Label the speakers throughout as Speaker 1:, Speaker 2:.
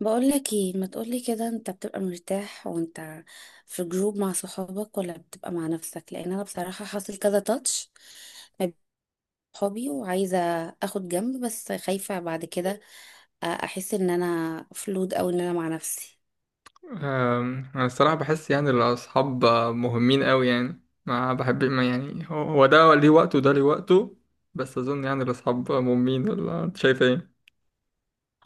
Speaker 1: بقولك ايه، ما تقولي كده. انت بتبقى مرتاح وانت في جروب مع صحابك، ولا بتبقى مع نفسك؟ لان انا بصراحة حاصل كذا تاتش ما بين صحابي، وعايزة اخد جنب، بس خايفة بعد كده احس ان انا فلود، او ان انا مع نفسي.
Speaker 2: انا الصراحه بحس يعني الاصحاب مهمين قوي، يعني ما بحب، ما يعني هو ده ليه وقته وده ليه وقته. بس اظن يعني الاصحاب مهمين، ولا انت شايف ايه؟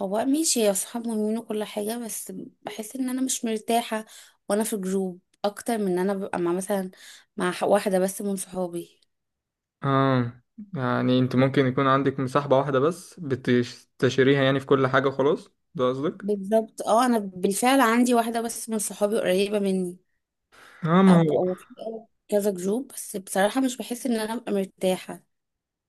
Speaker 1: هو ماشي يا صحاب مهمين وكل حاجة، بس بحس ان انا مش مرتاحة وانا في جروب، اكتر من ان انا ببقى مع مثلا مع واحدة بس من صحابي.
Speaker 2: اه، يعني انت ممكن يكون عندك مصاحبه واحده بس بتستشيريها يعني في كل حاجه، خلاص ده قصدك؟
Speaker 1: بالظبط، اه، انا بالفعل عندي واحدة بس من صحابي قريبة مني،
Speaker 2: اه، ما
Speaker 1: ابقى
Speaker 2: هو
Speaker 1: وفي كذا جروب، بس بصراحة مش بحس ان انا ابقى مرتاحة.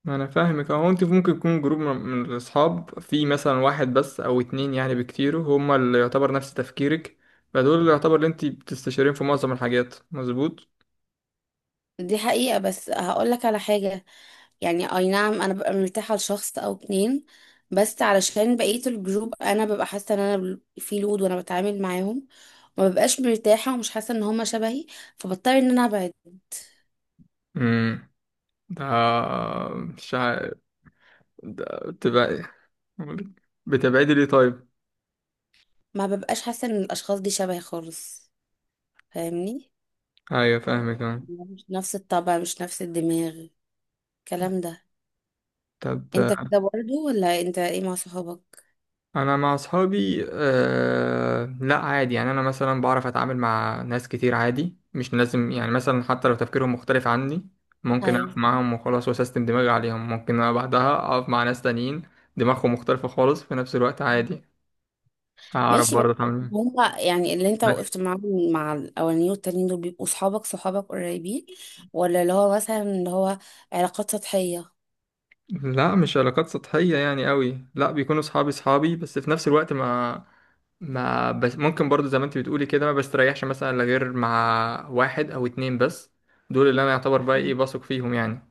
Speaker 2: ما انا فاهمك اهو، انت ممكن يكون جروب من الاصحاب، في مثلا واحد بس او اتنين يعني بكتير هما اللي يعتبر نفس تفكيرك، فدول اللي يعتبر اللي انت بتستشيرين في معظم الحاجات، مظبوط؟
Speaker 1: دي حقيقة، بس هقول لك على حاجة، يعني اي نعم انا ببقى مرتاحة لشخص او اتنين، بس علشان بقية الجروب انا ببقى حاسة ان انا في لود وانا بتعامل معاهم، ما ببقاش مرتاحة ومش حاسة ان هما شبهي، فبضطر ان انا ابعد.
Speaker 2: مم. آه، مش عارف. بتبقى، بتبعدي ليه طيب؟
Speaker 1: ما ببقاش حاسة ان الاشخاص دي شبهي خالص، فاهمني؟
Speaker 2: ايوه، فاهمك أنا.
Speaker 1: مش نفس الطبع، مش نفس الدماغ، الكلام ده.
Speaker 2: طب
Speaker 1: انت كده برضو، ولا انت ايه مع صحابك؟
Speaker 2: انا مع اصحابي، آه لا عادي، يعني انا مثلا بعرف اتعامل مع ناس كتير عادي، مش لازم يعني مثلا حتى لو تفكيرهم مختلف عني، ممكن
Speaker 1: ايوه،
Speaker 2: اقف معاهم وخلاص، واسيستم دماغي عليهم، ممكن أنا بعدها اقف مع ناس تانيين دماغهم مختلفة خالص، في نفس الوقت عادي هعرف
Speaker 1: ماشي، بس
Speaker 2: برضه اتعامل معاهم.
Speaker 1: هما يعني اللي انت
Speaker 2: بس
Speaker 1: وقفت معاهم مع الاولانيين والتانيين، دول بيبقوا صحابك صحابك قريبين، ولا اللي هو مثلا اللي هو علاقات سطحية؟
Speaker 2: لا مش علاقات سطحية يعني قوي، لا بيكونوا صحابي، بس في نفس الوقت ما، ما بس ممكن برضو زي ما انت بتقولي كده، ما بستريحش مثلا الا غير مع واحد او اتنين بس، دول اللي انا يعتبر بقى ايه،
Speaker 1: مم.
Speaker 2: بثق فيهم يعني.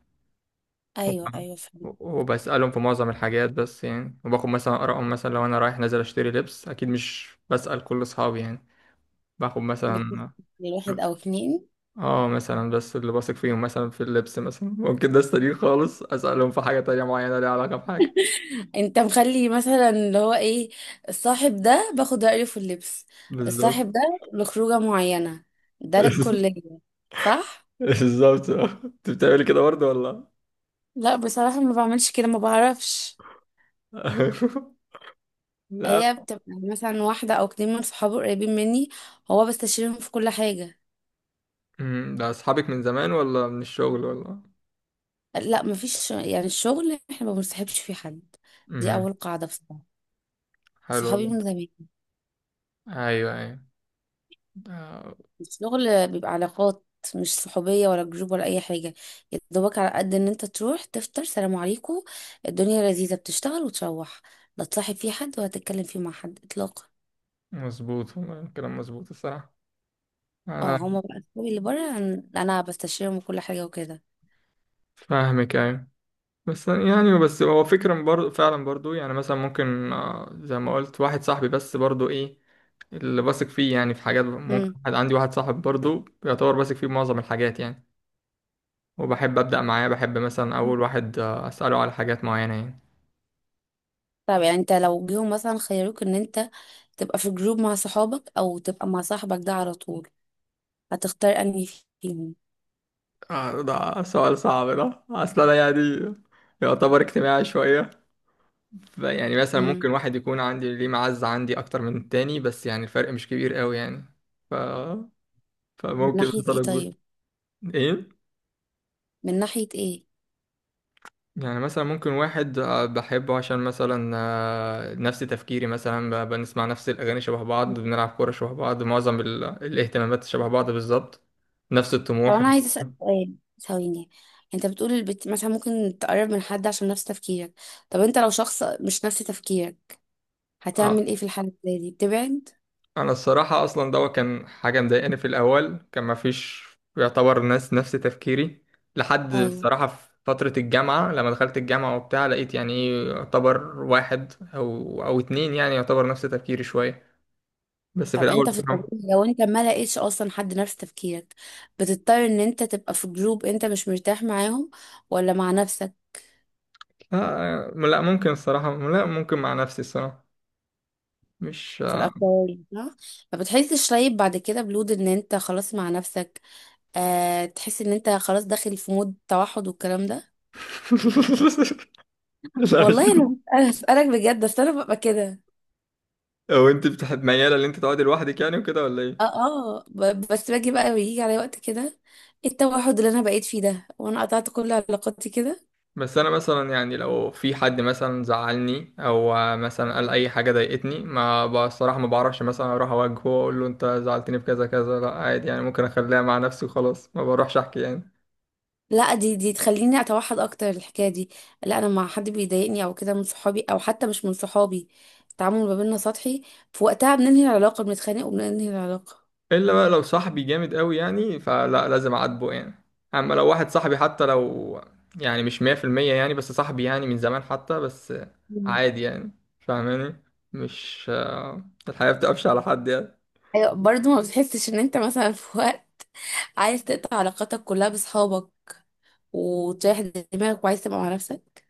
Speaker 1: ايوه ايوه، فهمت.
Speaker 2: وبسألهم في معظم الحاجات بس يعني، وباخد مثلا آرائهم، مثلا لو انا رايح نازل اشتري لبس اكيد مش بسأل كل اصحابي يعني، باخد
Speaker 1: بتبقى
Speaker 2: مثلا،
Speaker 1: واحد او اتنين.
Speaker 2: اه مثلا بس اللي بثق فيهم مثلا في اللبس، مثلا ممكن ده استدين خالص اسألهم في حاجة تانية معينة ليها علاقة بحاجة.
Speaker 1: انت مخلي مثلا اللي هو ايه، الصاحب ده باخد رأيه في اللبس،
Speaker 2: بالظبط.
Speaker 1: الصاحب ده لخروجة معينة، ده للكلية، صح؟
Speaker 2: بالظبط، اه. انت بتعملي كده برضه ولا؟
Speaker 1: لا بصراحة ما بعملش كده، ما بعرفش.
Speaker 2: لا.
Speaker 1: هي بتبقى مثلا واحدة أو اتنين من صحابه قريبين مني، هو بستشيرهم في كل حاجة.
Speaker 2: امم، ده اصحابك من زمان ولا من الشغل ولا؟
Speaker 1: لا مفيش، يعني الشغل احنا ما بنصاحبش فيه حد، دي
Speaker 2: امم،
Speaker 1: اول قاعدة بصراحة.
Speaker 2: حلو
Speaker 1: صحابي
Speaker 2: والله.
Speaker 1: من زمان.
Speaker 2: ايوه ايوه، ده
Speaker 1: الشغل بيبقى علاقات، مش صحوبية ولا جروب ولا أي حاجة. يا دوبك على قد إن أنت تروح تفطر، سلام عليكم، الدنيا لذيذة، بتشتغل وتروح، لا تصاحب فيه حد، ولا تتكلم فيه مع حد إطلاقا.
Speaker 2: مظبوط، والله كلام مظبوط الصراحه.
Speaker 1: اه،
Speaker 2: انا
Speaker 1: هما بقى صحابي اللي بره أنا، أنا بستشيرهم وكل حاجة وكده.
Speaker 2: فاهمك، ايوه. بس يعني، بس هو فكرة برضو فعلا برضو، يعني مثلا ممكن زي ما قلت واحد صاحبي بس، برضو ايه اللي بثق فيه يعني في حاجات، ممكن
Speaker 1: مم.
Speaker 2: واحد، عندي واحد صاحب برضو يعتبر بثق فيه معظم الحاجات يعني، وبحب ابدا معاه، بحب مثلا اول واحد اساله على حاجات معينه يعني.
Speaker 1: طب يعني أنت لو جيهم مثلا خيروك إن أنت تبقى في جروب مع صحابك، أو تبقى مع صاحبك ده على طول، هتختار أنهي فيهم؟
Speaker 2: ده سؤال صعب ده، اصل انا يعني يعتبر اجتماعي شويه. يعني مثلا
Speaker 1: امم،
Speaker 2: ممكن واحد يكون عندي ليه معزه عندي اكتر من التاني، بس يعني الفرق مش كبير قوي يعني. ف...
Speaker 1: من
Speaker 2: فممكن
Speaker 1: ناحية
Speaker 2: مثلا
Speaker 1: ايه
Speaker 2: اقول
Speaker 1: طيب؟
Speaker 2: ايه،
Speaker 1: من ناحية ايه؟
Speaker 2: يعني مثلا ممكن واحد بحبه عشان مثلا نفس تفكيري، مثلا بنسمع نفس الاغاني شبه بعض، بنلعب كوره شبه بعض، معظم الاهتمامات شبه بعض بالظبط، نفس
Speaker 1: طب
Speaker 2: الطموح.
Speaker 1: انا عايزة اسأل سؤال، ثواني. انت بتقول مثلا ممكن تقرب من حد عشان نفس تفكيرك. طب انت لو شخص مش نفس تفكيرك،
Speaker 2: آه،
Speaker 1: هتعمل ايه في الحالة اللي زي دي؟ بتبعد؟
Speaker 2: انا الصراحه اصلا ده كان حاجه مضايقاني في الاول، كان ما فيش يعتبر ناس نفس تفكيري، لحد
Speaker 1: ايوه.
Speaker 2: الصراحه في فتره الجامعه، لما دخلت الجامعه وبتاع لقيت يعني ايه، يعتبر واحد او اتنين يعني يعتبر نفس تفكيري شويه، بس في
Speaker 1: طب
Speaker 2: الاول
Speaker 1: انت في
Speaker 2: الصراحه.
Speaker 1: الطبيعي، لو انت ما لقيتش اصلا حد نفس تفكيرك، بتضطر ان انت تبقى في جروب انت مش مرتاح معاهم، ولا مع نفسك؟
Speaker 2: لا لا، ممكن الصراحه، لا ممكن مع نفسي الصراحه، مش
Speaker 1: في الاكتر؟ صح. ما بتحسش طيب بعد كده بلود ان انت خلاص مع نفسك؟ آه، تحس ان انت خلاص داخل في مود توحد والكلام ده.
Speaker 2: لا، مش
Speaker 1: والله انا، اسالك بجد، بس انا ببقى كده.
Speaker 2: او انت بتحب مياله ان انت تقعدي لوحدك يعني وكده ولا
Speaker 1: اه
Speaker 2: ايه؟
Speaker 1: اه، بس باجي بقى بيجي على وقت كده، إيه التوحد اللي انا بقيت فيه ده وانا قطعت كل علاقاتي كده.
Speaker 2: بس انا مثلا يعني لو في حد مثلا زعلني، او مثلا قال اي حاجه ضايقتني، ما بصراحه ما بعرفش مثلا اروح اواجهه واقول له انت زعلتني في كذا كذا، لا عادي يعني، ممكن اخليها مع نفسي وخلاص، ما بروحش احكي يعني.
Speaker 1: لا دي تخليني اتوحد اكتر، الحكايه دي. لا، انا مع حد بيضايقني او كده من صحابي، او حتى مش من صحابي، التعامل ما بيننا سطحي، في وقتها بننهي العلاقه، بنتخانق وبننهي العلاقه.
Speaker 2: الا بقى لو صاحبي جامد قوي يعني، فلا لازم اعاتبه يعني، اما لو واحد صاحبي حتى لو يعني مش 100% يعني، بس صاحبي يعني من زمان حتى، بس
Speaker 1: مم.
Speaker 2: عادي يعني، فاهماني؟ مش، الحياه بتقفش على حد يعني.
Speaker 1: ايوه، برضه ما بتحسش ان انت مثلا في وقت عايز تقطع علاقاتك كلها بصحابك، وتريح دماغك، وعايز تبقى مع نفسك؟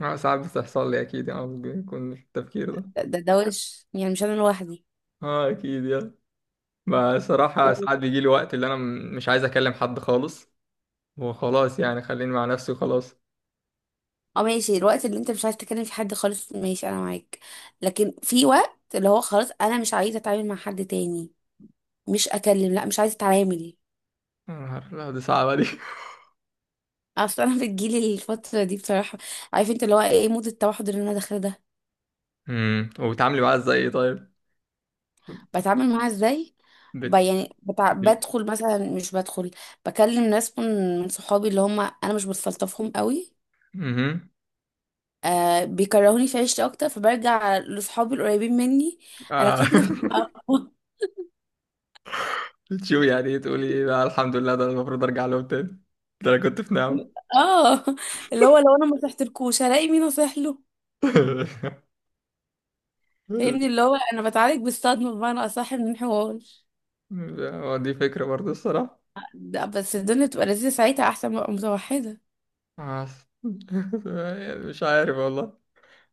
Speaker 2: ساعات بتحصل لي اكيد يعني، بيكون التفكير ده.
Speaker 1: ده ده وش، يعني مش انا لوحدي؟
Speaker 2: اه اكيد يعني، ما صراحة
Speaker 1: و-
Speaker 2: ساعات بيجي لي وقت اللي انا مش عايز اكلم حد خالص، وخلاص يعني خليني مع نفسي وخلاص.
Speaker 1: اه، ماشي، الوقت اللي انت مش عايز تكلم فيه حد خالص ماشي، انا معاك، لكن في وقت اللي هو خلاص انا مش عايزه اتعامل مع حد تاني، مش اكلم، لا مش عايزه اتعامل.
Speaker 2: يا نهار أبيض، دي صعبة دي.
Speaker 1: اصل انا بتجيلي الفتره دي بصراحه، عارف انت اللي هو ايه، مود التوحد اللي انا داخله ده.
Speaker 2: امم، وبتعاملي معاها ازاي إيه طيب؟
Speaker 1: بتعامل معاها ازاي؟
Speaker 2: بت
Speaker 1: يعني
Speaker 2: بت-
Speaker 1: بدخل مثلا، مش بدخل، بكلم ناس من صحابي اللي هم انا مش بستلطفهم قوي،
Speaker 2: مهم.
Speaker 1: آه، بيكرهوني في عيشتي اكتر، فبرجع لاصحابي القريبين مني،
Speaker 2: آه.
Speaker 1: علاقتنا بتبقى
Speaker 2: بتشوفي يعني ايه تقولي ايه بقى، الحمد لله ده أنا المفروض ارجع لهم تاني، ده انا كنت في نعمة.
Speaker 1: اه، اللي هو لو انا ما صحتلكوش هلاقي مين اصح له، فاهمني؟ اللي هو انا بتعالج بالصدمه، بمعنى اصح من الحوار.
Speaker 2: دي فكرة برضه الصراحة.
Speaker 1: لا بس الدنيا بتبقى لذيذه ساعتها، احسن ما ابقى متوحده.
Speaker 2: آه. مش عارف والله،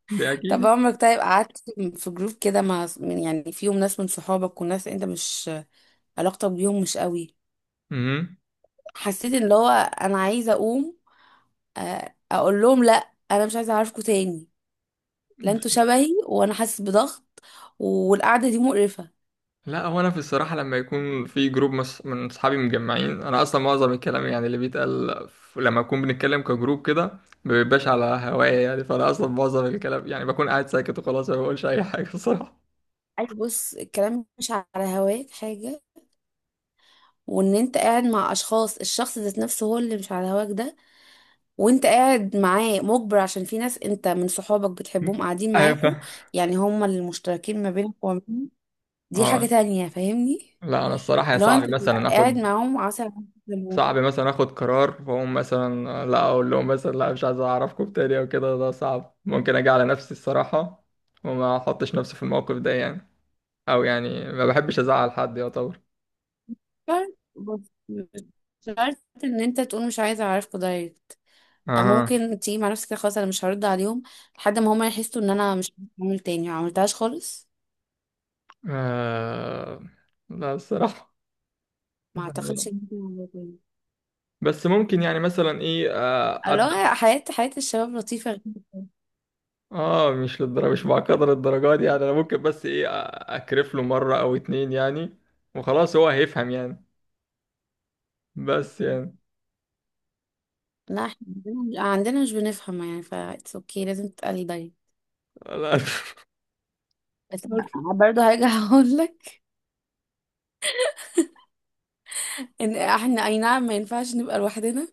Speaker 2: دي
Speaker 1: طب
Speaker 2: اكيد.
Speaker 1: عمرك طيب قعدت في جروب كده مع من، يعني فيهم ناس من صحابك وناس انت مش علاقتك بيهم مش قوي،
Speaker 2: مهم.
Speaker 1: حسيت ان اللي هو انا عايزه اقوم آه، اقول لهم لا انا مش عايزه اعرفكوا تاني، لا انتوا شبهي، وانا حاسس بضغط، والقعده دي مقرفه؟
Speaker 2: لا هو انا في الصراحه لما يكون في جروب من اصحابي مجمعين، انا اصلا معظم الكلام يعني اللي بيتقال، لما اكون بنتكلم كجروب كده ما بيبقاش على هوايا يعني، فانا اصلا معظم الكلام يعني بكون قاعد ساكت وخلاص، ما بقولش اي حاجه الصراحه.
Speaker 1: اي بص، الكلام مش على هواك حاجه، وان انت قاعد مع اشخاص، الشخص ذات نفسه هو اللي مش على هواك ده، وانت قاعد معاه مجبر عشان في ناس انت من صحابك بتحبهم قاعدين
Speaker 2: ايوه
Speaker 1: معاكوا،
Speaker 2: فاهم.
Speaker 1: يعني هما اللي مشتركين ما بينك وبينهم، دي حاجه
Speaker 2: اه
Speaker 1: تانية، فاهمني؟
Speaker 2: لا انا الصراحه يا
Speaker 1: لو انت
Speaker 2: صعب
Speaker 1: بتبقى
Speaker 2: مثلا
Speaker 1: قاعد
Speaker 2: اخد،
Speaker 1: معاهم عسل.
Speaker 2: صعب مثلا اخد قرار واقوم مثلا لا اقول لهم مثلا لا مش عايز اعرفكم تاني او كده، ده صعب ممكن اجي على نفسي الصراحه، وما احطش نفسي في الموقف ده يعني، او يعني ما بحبش ازعل حد يعتبر.
Speaker 1: عسل بس مش شرط ان انت تقول مش عايزه اعرفكوا دايركت،
Speaker 2: اها.
Speaker 1: ممكن تيجي مع نفسك كده خلاص انا مش هرد عليهم، لحد ما هما يحسوا ان انا مش بعمل تاني، ما عملتهاش خالص،
Speaker 2: آه لا الصراحة،
Speaker 1: ما
Speaker 2: لا لا.
Speaker 1: اعتقدش إن أنا هعملها تاني.
Speaker 2: بس ممكن يعني مثلا ايه، آه ابدا.
Speaker 1: الله، حياة حياة الشباب لطيفة جدا.
Speaker 2: اه مش للدرجة، مش بعقدر الدرجات دي يعني، انا ممكن بس ايه اكرف له مرة او اتنين يعني، وخلاص هو هيفهم يعني، بس يعني
Speaker 1: لا احنا عندنا مش بنفهم، يعني ف اتس اوكي، لازم تتقلي دايما.
Speaker 2: لا.
Speaker 1: بس
Speaker 2: بس.
Speaker 1: برضه هرجع اقول لك ان احنا اي نعم ما ينفعش نبقى لوحدنا،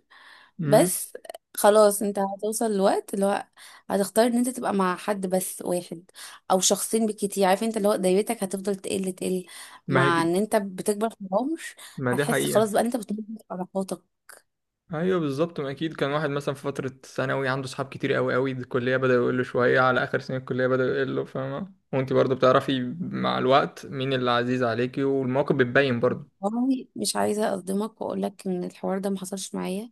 Speaker 2: مم.
Speaker 1: بس خلاص انت هتوصل لوقت اللي هو هتختار ان انت تبقى مع حد بس واحد، او شخصين بالكتير، عارف انت اللي هو دايرتك هتفضل تقل
Speaker 2: ما هي
Speaker 1: مع
Speaker 2: كده-
Speaker 1: ان انت بتكبر في العمر،
Speaker 2: ما دي
Speaker 1: هتحس
Speaker 2: حقيقة.
Speaker 1: خلاص بقى ان انت بتنضج في علاقاتك.
Speaker 2: ايوه بالظبط، ما اكيد كان واحد مثلا في فترة ثانوي عنده صحاب كتير قوي قوي، الكلية بدأ يقول له شوية، على اخر سنة الكلية بدأ يقول له، فاهمة؟ وانت برضه بتعرفي مع الوقت مين اللي عزيز عليكي، والمواقف بتبين برضه.
Speaker 1: والله مش عايزه اصدمك واقول لك ان الحوار ده ما حصلش معايا،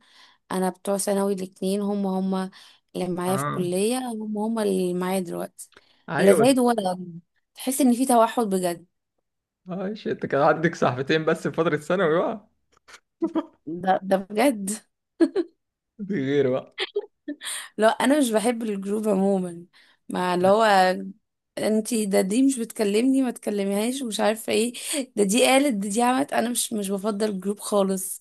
Speaker 1: انا بتوع ثانوي الاتنين هم هم اللي معايا في
Speaker 2: اه،
Speaker 1: الكليه، هم هم اللي معايا دلوقتي، لا
Speaker 2: ايوه بس.
Speaker 1: زايد ولا قل. تحس ان في توحد بجد.
Speaker 2: ماشي، انت كان عندك صاحبتين بس في فترة ثانوي بقى،
Speaker 1: ده ده بجد.
Speaker 2: دي غير بقى.
Speaker 1: لا انا مش بحب الجروب عموما، مع اللي هو انتي ده دي مش بتكلمني ما تكلميهاش ومش عارفه ايه، ده دي قالت ده دي عملت، انا مش بفضل الجروب خالص،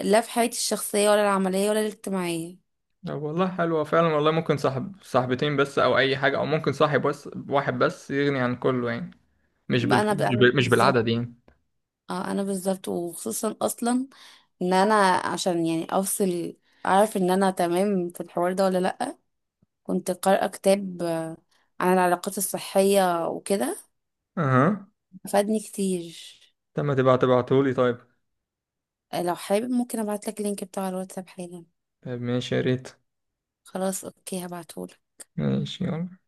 Speaker 1: لا في حياتي الشخصيه ولا العمليه ولا الاجتماعيه.
Speaker 2: طب والله حلوة فعلا والله، ممكن صاحب صاحبتين بس، او اي حاجة، او ممكن صاحب بس واحد بس يغني عن كله يعني،
Speaker 1: بقى انا، بقى أنا
Speaker 2: مش
Speaker 1: بالظبط.
Speaker 2: بالعدد يعني.
Speaker 1: اه انا بالظبط، وخصوصا اصلا ان انا عشان يعني افصل، اعرف ان انا تمام في الحوار ده ولا لا، كنت قارئه كتاب آه، عن العلاقات الصحيه وكده،
Speaker 2: اها.
Speaker 1: فادني كتير.
Speaker 2: طب ما تبقى تبعتهولي طيب.
Speaker 1: لو حابب ممكن ابعت لك اللينك بتاع الواتساب حالا.
Speaker 2: طيب ماشي، يا ريت.
Speaker 1: خلاص اوكي، هبعته.
Speaker 2: ماشي يلا.